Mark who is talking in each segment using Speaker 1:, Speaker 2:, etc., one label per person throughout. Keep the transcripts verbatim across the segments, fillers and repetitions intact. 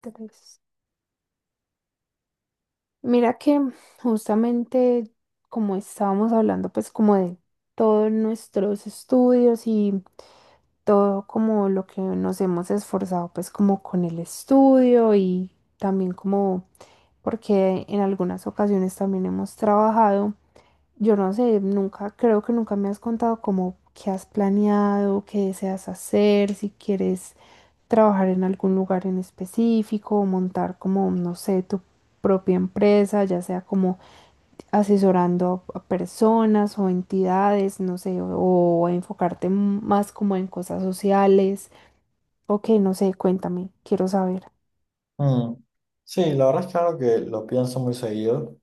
Speaker 1: Tres. Mira que justamente como estábamos hablando pues como de todos nuestros estudios y todo como lo que nos hemos esforzado pues como con el estudio y también como porque en algunas ocasiones también hemos trabajado. Yo no sé, nunca, creo que nunca me has contado como qué has planeado, qué deseas hacer, si quieres trabajar en algún lugar en específico o montar como, no sé, tu propia empresa, ya sea como asesorando a a personas o entidades, no sé, o, o enfocarte m- más como en cosas sociales. Ok, no sé, cuéntame, quiero saber.
Speaker 2: Mm. Sí, la verdad es que algo que lo pienso muy seguido.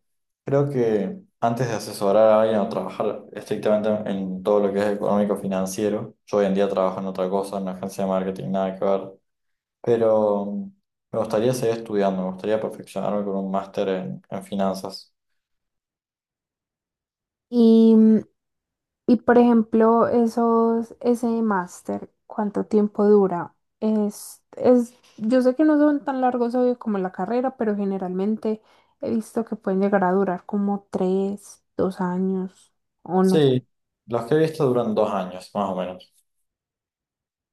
Speaker 2: Creo que antes de asesorar a alguien o trabajar estrictamente en todo lo que es económico financiero, yo hoy en día trabajo en otra cosa, en una agencia de marketing, nada que ver, pero mm, me gustaría seguir estudiando, me gustaría perfeccionarme con un máster en, en finanzas.
Speaker 1: Y mm, y por ejemplo, esos, ese máster, ¿cuánto tiempo dura? Es, es, yo sé que no son tan largos, obvio, como la carrera, pero generalmente he visto que pueden llegar a durar como tres, dos años o no sé.
Speaker 2: Sí, los que he visto duran dos años, más o menos.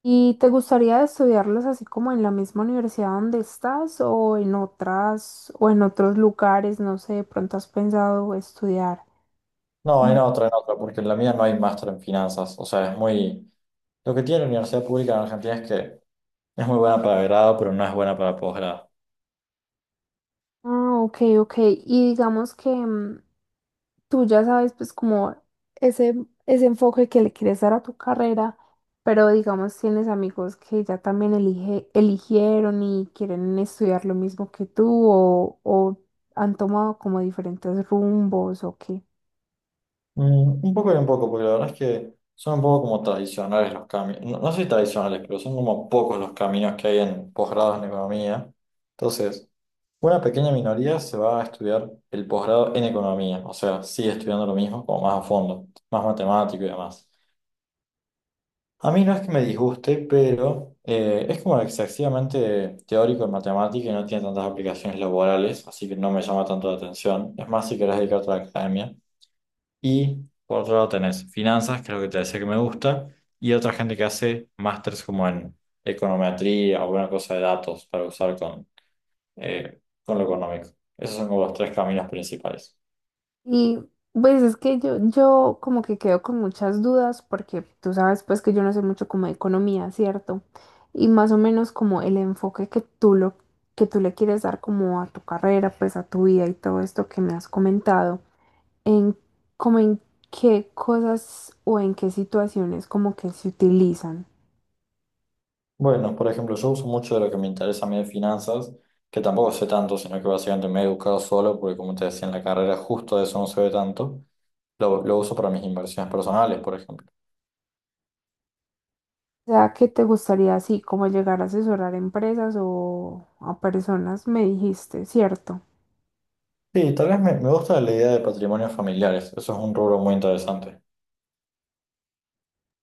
Speaker 1: ¿Y te gustaría estudiarlos así como en la misma universidad donde estás o en otras o en otros lugares? No sé, de pronto has pensado estudiar.
Speaker 2: No, en
Speaker 1: Mm.
Speaker 2: otra, en otra, porque en la mía no hay máster en finanzas, o sea, es muy... Lo que tiene la universidad pública en Argentina es que es muy buena para grado, pero no es buena para posgrado.
Speaker 1: Ah, ok, ok. Y digamos que mm, tú ya sabes, pues como ese, ese enfoque que le quieres dar a tu carrera, pero digamos tienes amigos que ya también elige- eligieron y quieren estudiar lo mismo que tú o, o han tomado como diferentes rumbos o qué.
Speaker 2: Mm, un poco y un poco, porque la verdad es que son un poco como tradicionales los caminos. No, no sé si tradicionales, pero son como pocos los caminos que hay en posgrados en economía. Entonces, una pequeña minoría se va a estudiar el posgrado en economía. O sea, sigue estudiando lo mismo, como más a fondo, más matemático y demás. A mí no es que me disguste, pero eh, es como excesivamente teórico en matemática y no tiene tantas aplicaciones laborales, así que no me llama tanto la atención. Es más, si querés dedicarte a la academia. Y por otro lado tenés finanzas, que es lo que te decía que me gusta, y otra gente que hace másters como en econometría o alguna cosa de datos para usar con, eh, con lo económico. Esos son como los tres caminos principales.
Speaker 1: Y pues es que yo, yo como que quedo con muchas dudas porque tú sabes pues que yo no sé mucho como de economía, ¿cierto? Y más o menos como el enfoque que tú lo, que tú le quieres dar como a tu carrera, pues a tu vida y todo esto que me has comentado, en como en qué cosas o en qué situaciones como que se utilizan.
Speaker 2: Bueno, por ejemplo, yo uso mucho de lo que me interesa a mí de finanzas, que tampoco sé tanto, sino que básicamente me he educado solo, porque como te decía en la carrera, justo de eso no se ve tanto. Lo, lo uso para mis inversiones personales, por ejemplo.
Speaker 1: O sea, ¿qué te gustaría así como llegar a asesorar empresas o a personas? Me dijiste, ¿cierto?
Speaker 2: Sí, tal vez me, me gusta la idea de patrimonios familiares. Eso es un rubro muy interesante.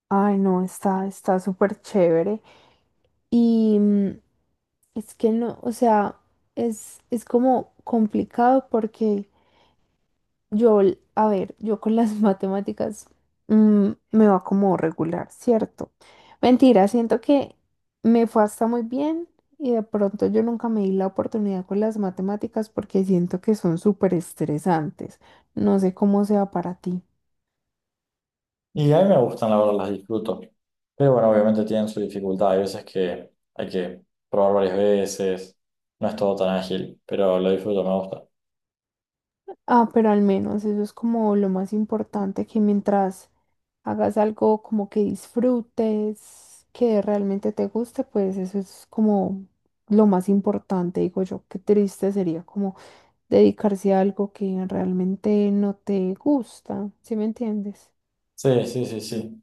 Speaker 1: Ay, no, está, está súper chévere. Y mm, es que no, o sea, es, es como complicado porque yo, l- a ver, yo con las matemáticas mm, me va como regular, ¿cierto? Mentira, siento que me fue hasta muy bien y de pronto yo nunca me di la oportunidad con las matemáticas porque siento que son súper estresantes. No sé cómo sea para ti.
Speaker 2: Y a mí me gustan, la verdad, las disfruto. Pero bueno, obviamente tienen su dificultad. Hay veces que hay que probar varias veces. No es todo tan ágil, pero lo disfruto, me gusta.
Speaker 1: Ah, pero al menos eso es como lo más importante, que mientras hagas algo como que disfrutes, que realmente te guste, pues eso es como lo más importante, digo yo. Qué triste sería como dedicarse a algo que realmente no te gusta, ¿sí me entiendes?
Speaker 2: Sí, sí, sí, sí.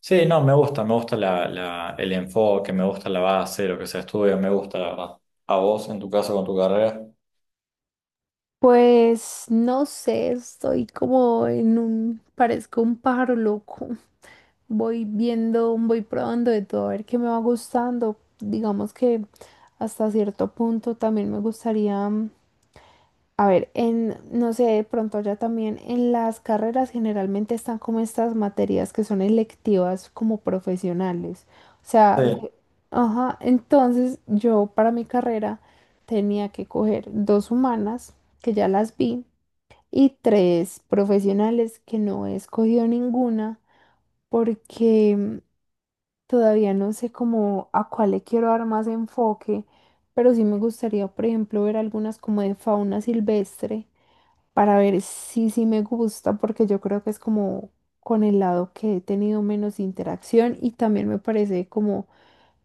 Speaker 2: Sí, no, me gusta, me gusta la, la- el enfoque, me gusta la base, lo que se estudia, me gusta, la verdad. ¿A vos, en tu caso, con tu carrera?
Speaker 1: Pues no sé, estoy como en un, parezco un pájaro loco. Voy viendo, voy probando de todo, a ver qué me va gustando. Digamos que hasta cierto punto también me gustaría, mm, a ver, en, no sé, de pronto ya también en las carreras generalmente están como estas materias que son electivas como profesionales. O
Speaker 2: Sí,
Speaker 1: sea, que- ajá, entonces yo para mi carrera tenía que coger dos humanas, que ya las vi y tres profesionales que no he escogido ninguna porque mm, todavía no sé cómo a cuál le quiero dar más enfoque, pero sí me gustaría, por ejemplo, ver algunas como de fauna silvestre para ver si sí me gusta, porque yo creo que es como con el lado que he tenido menos interacción y también me parece como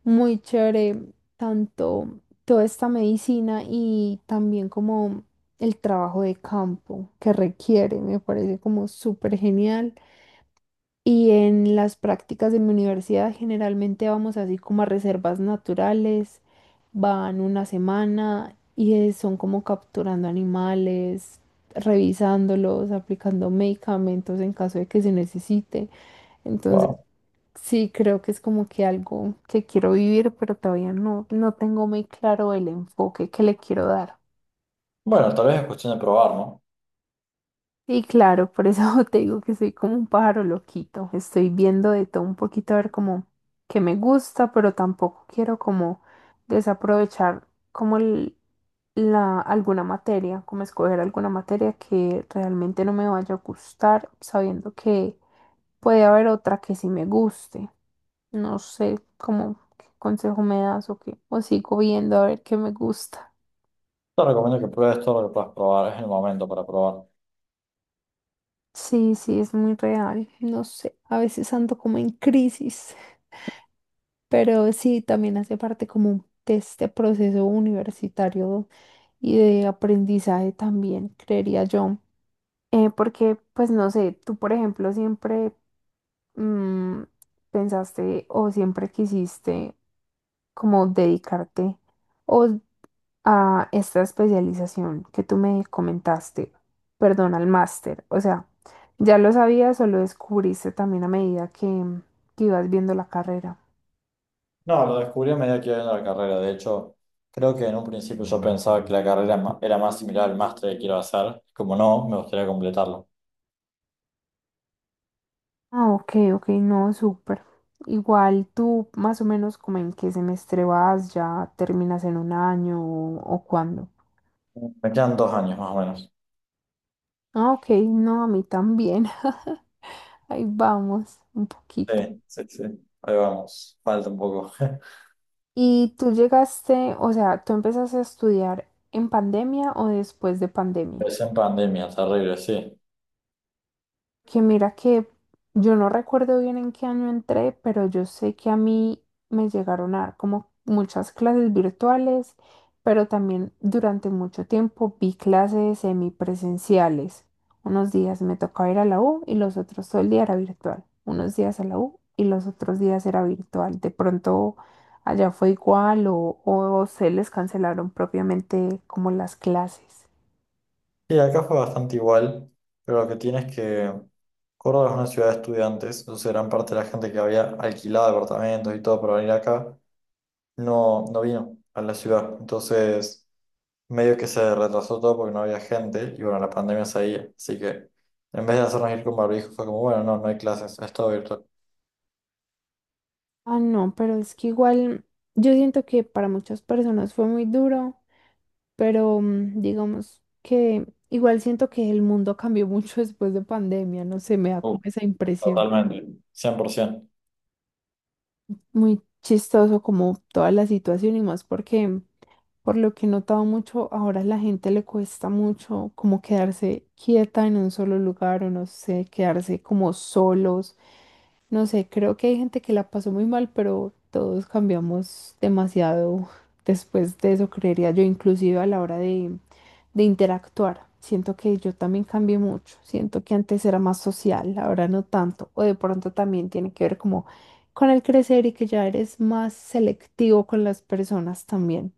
Speaker 1: muy chévere tanto toda esta medicina y también como el trabajo de campo que requiere, me parece como súper genial. Y en las prácticas de mi universidad generalmente vamos así como a reservas naturales, van una semana y eh, son como capturando animales, revisándolos, aplicando medicamentos en caso de que se necesite. Entonces,
Speaker 2: wow.
Speaker 1: sí, creo que es como que algo que quiero vivir, pero todavía no, no tengo muy claro el enfoque que le quiero dar.
Speaker 2: Bueno, tal vez es cuestión de probar, ¿no?
Speaker 1: Y claro, por eso te digo que soy como un pájaro loquito. Estoy viendo de todo un poquito a ver como que me gusta, pero tampoco quiero como desaprovechar como el- la, alguna materia, como escoger alguna materia que realmente no me vaya a gustar, sabiendo que puede haber otra que sí me guste. No sé cómo qué consejo me das o qué. O sigo viendo a ver qué me gusta.
Speaker 2: Te recomiendo que pruebes todo lo que puedas probar, es el momento para probar.
Speaker 1: Sí, sí, es muy real. No sé, a veces ando como en crisis, pero sí, también hace parte como de este proceso universitario y de aprendizaje también, creería yo. Eh, porque, pues no sé, tú, por ejemplo, siempre mm, pensaste o siempre quisiste como dedicarte. O a esta especialización que tú me comentaste, perdón, al máster. O sea, ¿ya lo sabías o lo descubriste también a medida que, que ibas viendo la carrera?
Speaker 2: No, lo descubrí a medida que iba viendo la carrera. De hecho, creo que en un principio yo pensaba que la carrera ma- era más similar al máster que quiero hacer. Como no, me gustaría completarlo.
Speaker 1: Ah, ok, ok, no, súper. Igual tú más o menos como en qué semestre vas, ya terminas en un año o, o cuándo.
Speaker 2: Me quedan dos años más o menos.
Speaker 1: Ah, ok, no, a mí también. Ahí vamos, un poquito.
Speaker 2: Sí, sí, sí. Ahí vamos. Falta un poco.
Speaker 1: ¿Y tú llegaste, o sea, tú empezaste a estudiar en pandemia o después de pandemia?
Speaker 2: Es en pandemia, terrible, sí.
Speaker 1: Que mira que yo no recuerdo bien en qué año entré, pero yo sé que a mí me llegaron a dar como muchas clases virtuales, pero también durante mucho tiempo vi clases semipresenciales. Unos días me tocaba ir a la U y los otros todo el día era virtual. Unos días a la U y los otros días era virtual. De pronto allá fue igual o, o se les cancelaron propiamente como las clases.
Speaker 2: Sí, acá fue bastante igual, pero lo que tiene es que Córdoba es una ciudad de estudiantes, entonces gran parte de la gente que había alquilado departamentos y todo para venir acá no, no vino a la ciudad. Entonces, medio que se retrasó todo porque no había gente y bueno, la pandemia seguía. Así que en vez de hacernos ir con barbijo, fue como, bueno, no, no hay clases, es todo virtual.
Speaker 1: Ah, no, pero es que igual yo siento que para muchas personas fue muy duro, pero mm, digamos que igual siento que el mundo cambió mucho después de pandemia, no sé, me da
Speaker 2: Uh,
Speaker 1: como esa impresión.
Speaker 2: Totalmente, cien por ciento.
Speaker 1: Muy chistoso como toda la situación y más porque por lo que he notado mucho, ahora a la gente le cuesta mucho como quedarse quieta en un solo lugar o no sé, quedarse como solos. No sé, creo que hay gente que la pasó muy mal, pero todos cambiamos demasiado después de eso, creería yo, inclusive a la hora de, de interactuar. Siento que yo también cambié mucho, siento que antes era más social, ahora no tanto, o de pronto también tiene que ver como con el crecer y que ya eres más selectivo con las personas también.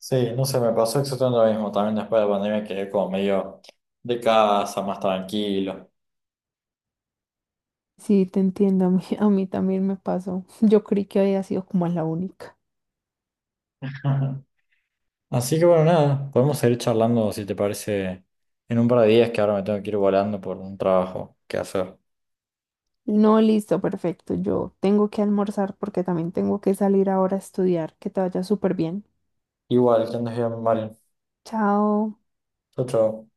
Speaker 2: Sí, no sé, me pasó exactamente lo mismo. También después de la pandemia quedé como medio de casa, más tranquilo.
Speaker 1: Sí, te entiendo, a mí, a mí también me pasó. Yo creí que había sido como la única.
Speaker 2: Así que bueno, nada, podemos seguir charlando si te parece en un par de días, que ahora me tengo que ir volando por un trabajo que hacer.
Speaker 1: No, listo, perfecto. Yo tengo que almorzar porque también tengo que salir ahora a estudiar. Que te vaya súper bien.
Speaker 2: Igual, que andes bien, Mario.
Speaker 1: Chao.
Speaker 2: Chau, chau.